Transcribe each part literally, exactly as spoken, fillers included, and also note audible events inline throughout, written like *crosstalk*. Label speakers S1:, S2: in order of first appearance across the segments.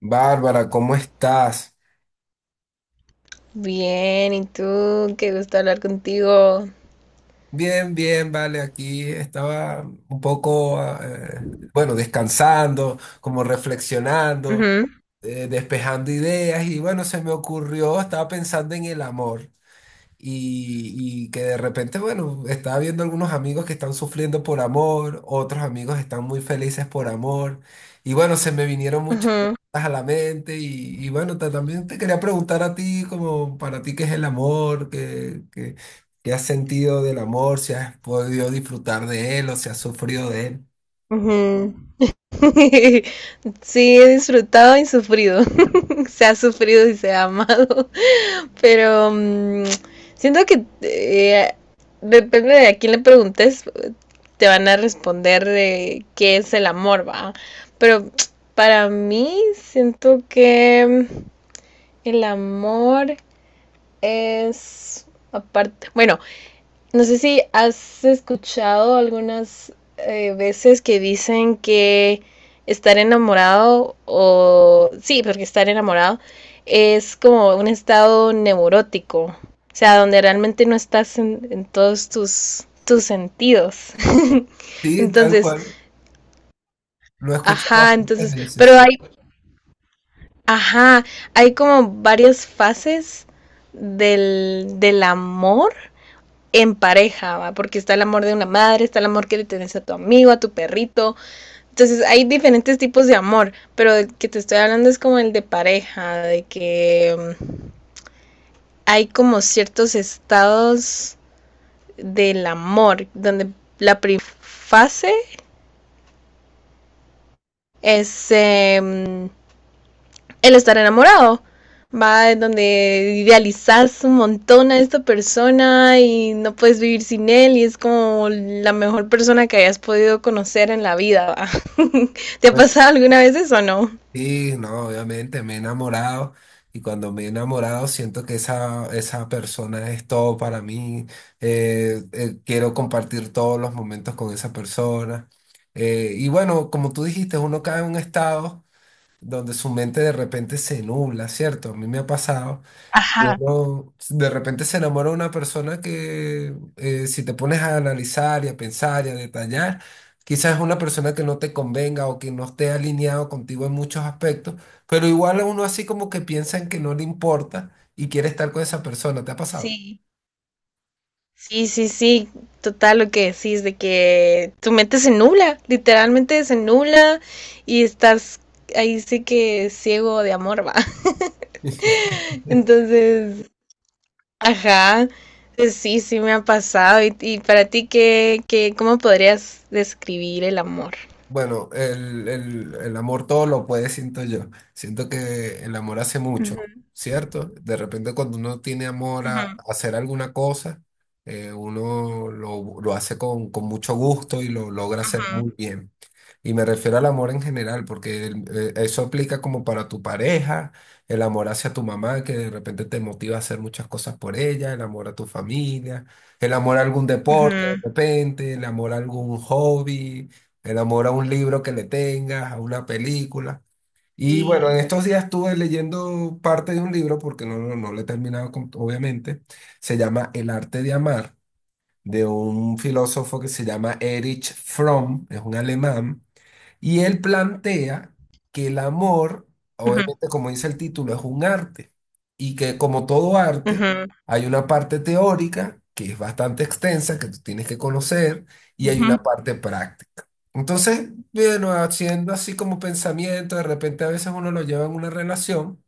S1: Bárbara, ¿cómo estás?
S2: Bien, ¿y tú? Qué gusto hablar contigo.
S1: Bien, bien, vale, aquí estaba un poco, ah, eh, bueno, descansando, como reflexionando,
S2: Ujú,
S1: eh, despejando ideas y bueno, se me ocurrió, estaba pensando en el amor. y y que de repente, bueno, estaba viendo algunos amigos que están sufriendo por amor, otros amigos están muy felices por amor, y bueno, se me vinieron muchas
S2: ujú,
S1: cosas a la mente, y, y bueno, ta- también te quería preguntar a ti, como para ti, ¿qué es el amor? ¿Qué, qué- qué has sentido del amor? ¿Si has podido disfrutar de él o si has sufrido de él?
S2: ujú. *laughs* Sí, he disfrutado y sufrido. *laughs* Se ha sufrido y se ha amado. *laughs* Pero mm, siento que eh, depende de a quién le preguntes, te van a responder de qué es el amor, va. Pero *tsk* para mí siento que el amor es aparte. Bueno, no sé si has escuchado algunas eh, veces que dicen que estar enamorado o... Sí, porque estar enamorado es como un estado neurótico, o sea, donde realmente no estás en, en todos tus, tus sentidos. *laughs*
S1: Sí, tal
S2: Entonces,
S1: cual, lo he escuchado
S2: ajá,
S1: bastantes
S2: entonces, pero
S1: veces.
S2: hay, ajá, hay como varias fases del, del amor en pareja, ¿va? Porque está el amor de una madre, está el amor que le tienes a tu amigo, a tu perrito. Entonces hay diferentes tipos de amor, pero el que te estoy hablando es como el de pareja, de que mm, hay como ciertos estados del amor, donde la primera fase es eh, el estar enamorado. Va, en donde idealizas un montón a esta persona y no puedes vivir sin él y es como la mejor persona que hayas podido conocer en la vida. ¿Va? *laughs* ¿Te ha pasado alguna vez eso o no?
S1: Sí, no, obviamente me he enamorado y cuando me he enamorado siento que esa, esa persona es todo para mí. Eh, eh, quiero compartir todos los momentos con esa persona. Eh, y bueno, como tú dijiste, uno cae en un estado donde su mente de repente se nubla, ¿cierto? A mí me ha pasado. Uno de repente se enamora de una persona que, eh, si te pones a analizar y a pensar y a detallar, quizás es una persona que no te convenga o que no esté alineado contigo en muchos aspectos, pero igual uno así como que piensa en que no le importa y quiere estar con esa persona. ¿Te ha pasado?
S2: Sí, sí, sí, sí, total lo que decís, de que tu mente se nubla, literalmente se nubla y estás ahí sí que ciego de amor, va. *laughs* Entonces, ajá, eh, sí, sí me ha pasado. ¿Y, y para ti qué, qué, cómo podrías describir el amor?
S1: Bueno, el, el- el amor todo lo puede, siento yo. Siento que el amor hace mucho,
S2: Ujú,
S1: ¿cierto? De repente cuando uno tiene amor a, a
S2: ujú,
S1: hacer alguna cosa, eh, uno lo, lo hace con, con mucho gusto y lo logra hacer
S2: ujú,
S1: muy bien. Y me refiero al amor en general, porque el- eh, eso aplica como para tu pareja, el amor hacia tu mamá, que de repente te motiva a hacer muchas cosas por ella, el amor a tu familia, el amor a algún deporte de
S2: ujú,
S1: repente, el amor a algún hobby, el amor a un libro que le tengas, a una película. Y bueno,
S2: sí.
S1: en estos días estuve leyendo parte de un libro, porque no, no, no lo he terminado, com- obviamente, se llama El arte de amar, de un filósofo que se llama Erich Fromm, es un alemán, y él plantea que el amor,
S2: Ujú,
S1: obviamente como dice el título, es un arte, y que como todo arte
S2: ujú,
S1: hay una parte teórica que es bastante extensa, que tú tienes que conocer, y hay una
S2: ujú,
S1: parte práctica. Entonces, bueno, haciendo así como pensamiento, de repente a veces uno lo lleva en una relación.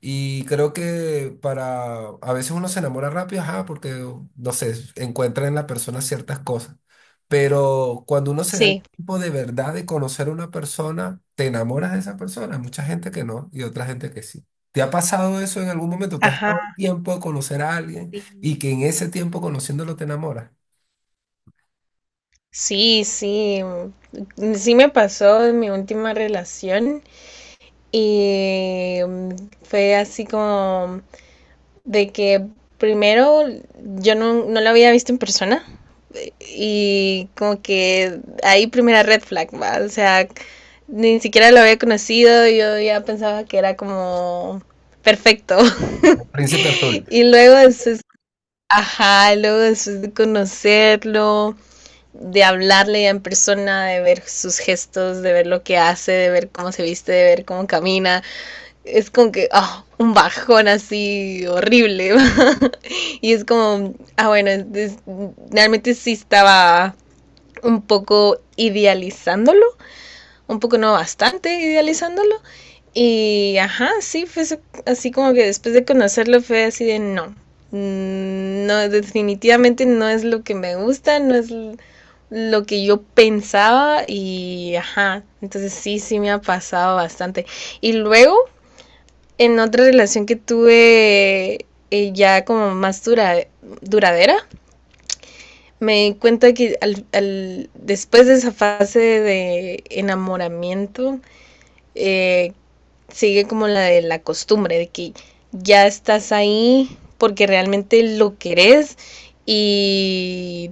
S1: Y creo que para, a veces uno se enamora rápido, ajá, porque, no sé, encuentra en la persona ciertas cosas. Pero cuando uno se da el
S2: sí,
S1: tiempo de verdad de conocer a una persona, te enamoras de esa persona. Hay mucha gente que no y otra gente que sí. ¿Te ha pasado eso en algún momento? ¿Te has
S2: ajá,
S1: dado el tiempo de conocer a alguien
S2: sí.
S1: y que en ese tiempo conociéndolo te enamoras?
S2: Sí, sí, mm, sí me pasó en mi última relación y mm, fue así como de que primero yo no, no la había visto en persona y como que ahí primera red flag, ¿va? O sea, ni siquiera lo había conocido, yo ya pensaba que era como perfecto. *laughs*
S1: El Príncipe Azul.
S2: Y luego después, ajá, luego después de conocerlo, de hablarle ya en persona, de ver sus gestos, de ver lo que hace, de ver cómo se viste, de ver cómo camina, es como que, ah, un bajón así horrible. *laughs* Y es como, ah, bueno, es- es- realmente sí estaba un poco idealizándolo, un poco no bastante idealizándolo. Y, ajá, sí, fue así como que después de conocerlo fue así de no. mm, No, definitivamente no es lo que me gusta, no es lo que yo pensaba y, ajá, entonces sí, sí me ha pasado bastante. Y luego, en otra relación que tuve eh, ya como más dura, duradera, me di cuenta que al, al- después de esa fase de enamoramiento, eh, sigue como la de la costumbre, de que ya estás ahí porque realmente lo querés y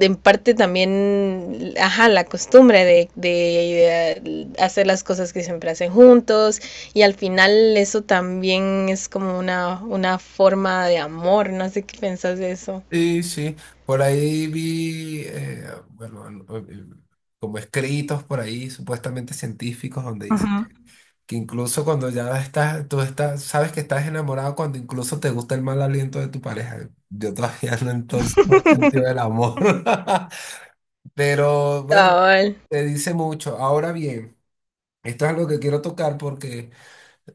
S2: en parte también, ajá, la costumbre de, de, de, hacer las cosas que siempre hacen juntos y al final eso también es como una, una forma de amor, no sé qué pensás de eso.
S1: Sí, sí. Por ahí vi, eh, bueno, an- eh, como escritos por ahí, supuestamente científicos, donde dicen que incluso cuando ya estás, tú estás, sabes que estás enamorado cuando incluso te gusta el mal aliento de tu pareja. Yo todavía no, entonces no he sentido el amor. *laughs* Pero bueno,
S2: Cabal.
S1: te dice mucho. Ahora bien, esto es algo que quiero tocar porque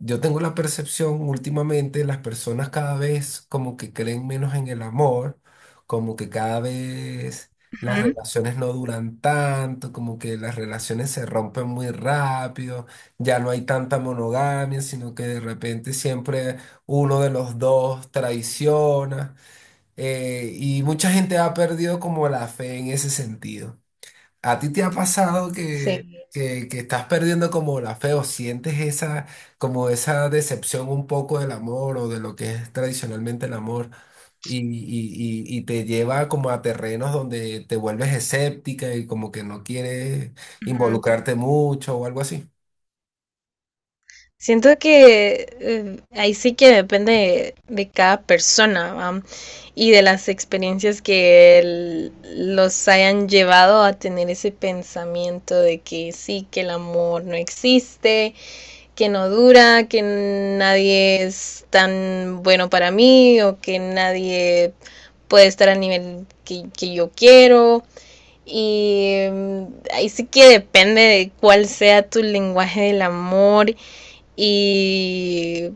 S1: yo tengo la percepción últimamente, las personas cada vez como que creen menos en el amor, como que cada vez las relaciones no duran tanto, como que las relaciones se rompen muy rápido, ya no hay tanta monogamia, sino que de repente siempre uno de los dos traiciona, eh, y mucha gente ha perdido como la fe en ese sentido. ¿A ti te ha pasado que,
S2: Sí.
S1: que, que estás perdiendo como la fe o sientes esa, como esa decepción un poco del amor o de lo que es tradicionalmente el amor y, y- y- y te lleva como a terrenos donde te vuelves escéptica y como que no quieres
S2: Ujú.
S1: involucrarte mucho o algo así?
S2: Siento que eh, ahí sí que depende de cada persona, ¿va? Y de las experiencias que el- los hayan llevado a tener ese pensamiento de que sí, que el amor no existe, que no dura, que nadie es tan bueno para mí o que nadie puede estar al nivel que, que yo quiero. Y mm, ahí sí que depende de cuál sea tu lenguaje del amor. Y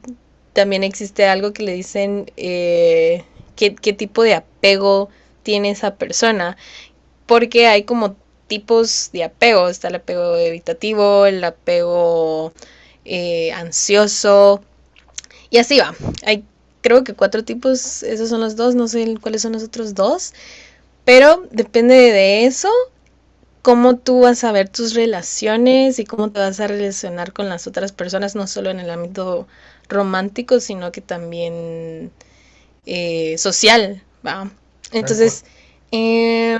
S2: también existe algo que le dicen eh, qué, qué tipo de apego tiene esa persona. Porque hay como tipos de apego. Está el apego evitativo, el apego eh, ansioso. Y así va. Hay creo que cuatro tipos, esos son los dos, no sé cuáles son los otros dos, pero depende de eso cómo tú vas a ver tus relaciones y cómo te vas a relacionar con las otras personas, no solo en el ámbito romántico, sino que también eh, social, ¿va?
S1: Tal cual.
S2: Entonces, eh,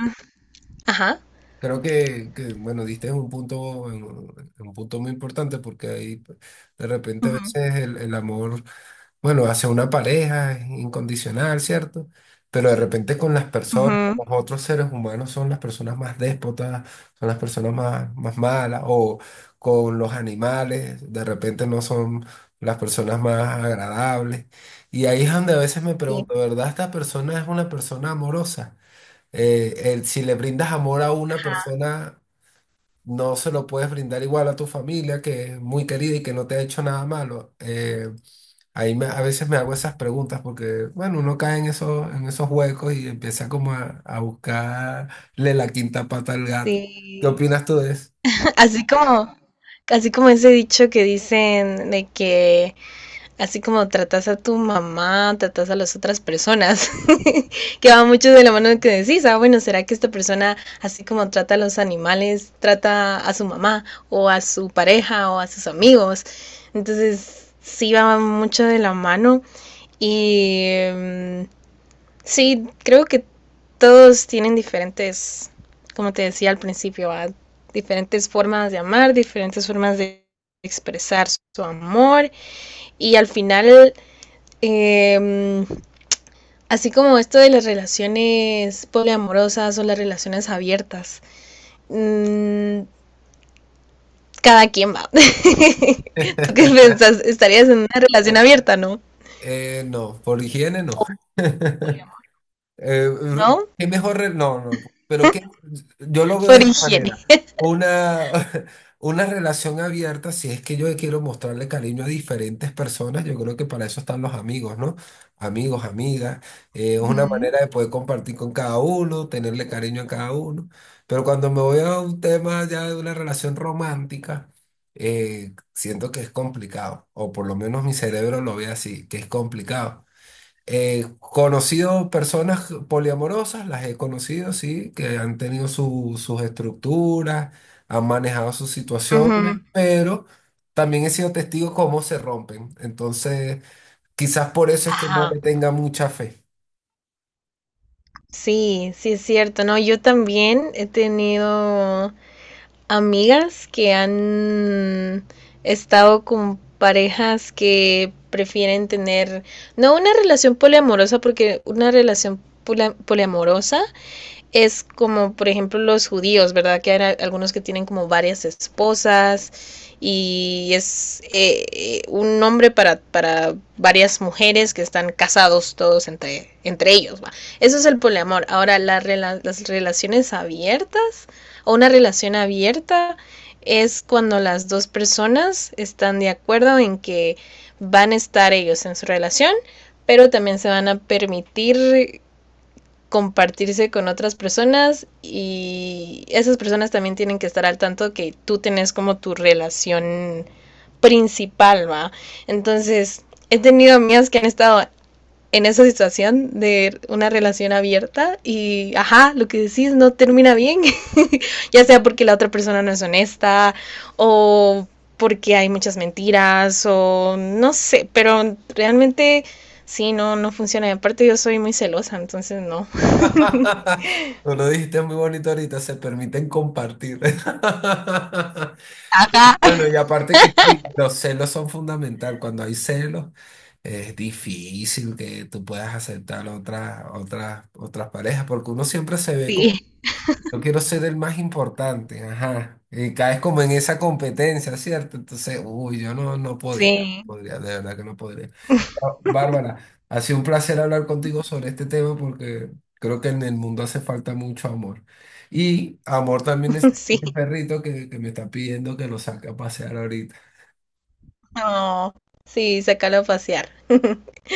S2: ajá.
S1: Creo que, que, bueno, diste un punto, un un punto muy importante porque ahí de repente a
S2: Ujú,
S1: veces el el amor... bueno, hacia una pareja es incondicional, ¿cierto? Pero de repente con las personas, con
S2: ujú,
S1: los otros seres humanos, son las personas más déspotas, son las personas más, más malas, o con los animales, de repente no son las personas más agradables. Y ahí es donde a veces me
S2: sí,
S1: pregunto, ¿verdad? ¿Esta persona es una persona amorosa? Eh, el- si le brindas amor a una persona, no se lo puedes brindar igual a tu familia, que es muy querida y que no te ha hecho nada malo. Eh, ahí me- a veces me hago esas preguntas porque, bueno, uno cae en esos, en esos huecos y empieza como a, a buscarle la quinta pata al gato. ¿Qué
S2: sí.
S1: opinas tú de eso?
S2: *laughs* Así como, así como ese dicho que dicen de que así como tratas a tu mamá, tratas a las otras personas, *laughs* que va mucho de la mano, que decís, ah, bueno, ¿será que esta persona, así como trata a los animales, trata a su mamá o a su pareja o a sus amigos? Entonces, sí va mucho de la mano y um, sí, creo que todos tienen diferentes, como te decía al principio, ¿va? Diferentes formas de amar, diferentes formas de expresar su amor y al final eh, así como esto de las relaciones poliamorosas o las relaciones abiertas. mm, Cada quien va. *laughs* ¿Tú qué
S1: *laughs*
S2: piensas? Estarías en una relación abierta, ¿no?
S1: Eh, no, por higiene no. *laughs* Eh, r-
S2: ¿No?
S1: ¿qué mejor? re- No, no, pero que yo lo veo de
S2: Por
S1: esta
S2: higiene.
S1: manera. Una, *laughs* una relación abierta, si es que yo quiero mostrarle cariño a diferentes personas, yo creo que para eso están los amigos, ¿no? Amigos, amigas, eh, es una
S2: Ujú.
S1: manera de poder compartir con cada uno, tenerle cariño a cada uno. Pero cuando me voy a un tema ya de una relación romántica, eh, siento que es complicado, o por lo menos mi cerebro lo ve así, que es complicado. He conocido personas poliamorosas, las he conocido, sí, que han tenido su- sus estructuras, han manejado sus
S2: Ujú.
S1: situaciones, pero también he sido testigo cómo se rompen. Entonces, quizás por eso es que no
S2: Ajá.
S1: le tenga mucha fe.
S2: Sí, sí es cierto, ¿no? Yo también he tenido amigas que han estado con parejas que prefieren tener, no una relación poliamorosa, porque una relación poliamorosa es como, por ejemplo, los judíos, ¿verdad? Que hay algunos que tienen como varias esposas y es eh, un nombre para, para, varias mujeres que están casados todos entre, entre ellos. ¿Va? Eso es el poliamor. Ahora, la, las relaciones abiertas o una relación abierta es cuando las dos personas están de acuerdo en que van a estar ellos en su relación, pero también se van a permitir compartirse con otras personas y esas personas también tienen que estar al tanto que tú tenés como tu relación principal, ¿va? Entonces, he tenido amigas que han estado en esa situación de una relación abierta y, ajá, lo que decís no termina bien, *laughs* ya sea porque la otra persona no es honesta o porque hay muchas mentiras o no sé, pero realmente sí, no, no funciona. Y aparte yo soy muy celosa, entonces no.
S1: *laughs* Tú lo dijiste muy bonito ahorita, se permiten compartir. *laughs* Bueno, y aparte que sí, los celos son fundamental. Cuando hay celos, es difícil que tú puedas aceptar otras otras otras parejas, porque uno siempre se ve
S2: Sí,
S1: como, yo quiero ser el más importante, ajá, y caes como en esa competencia, ¿cierto? Entonces, uy, yo no, no podría, no
S2: sí,
S1: podría, de verdad que no podría. Ah, Bárbara, ha sido un placer hablar contigo sobre este tema porque creo que en el mundo hace falta mucho amor. Y amor también es
S2: *laughs*
S1: el
S2: sí,
S1: perrito que, que me está pidiendo que lo saque a pasear ahorita.
S2: no, sí, sácalo a pasear. *laughs*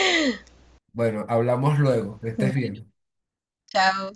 S1: Bueno, hablamos luego, que estés bien.
S2: Chao.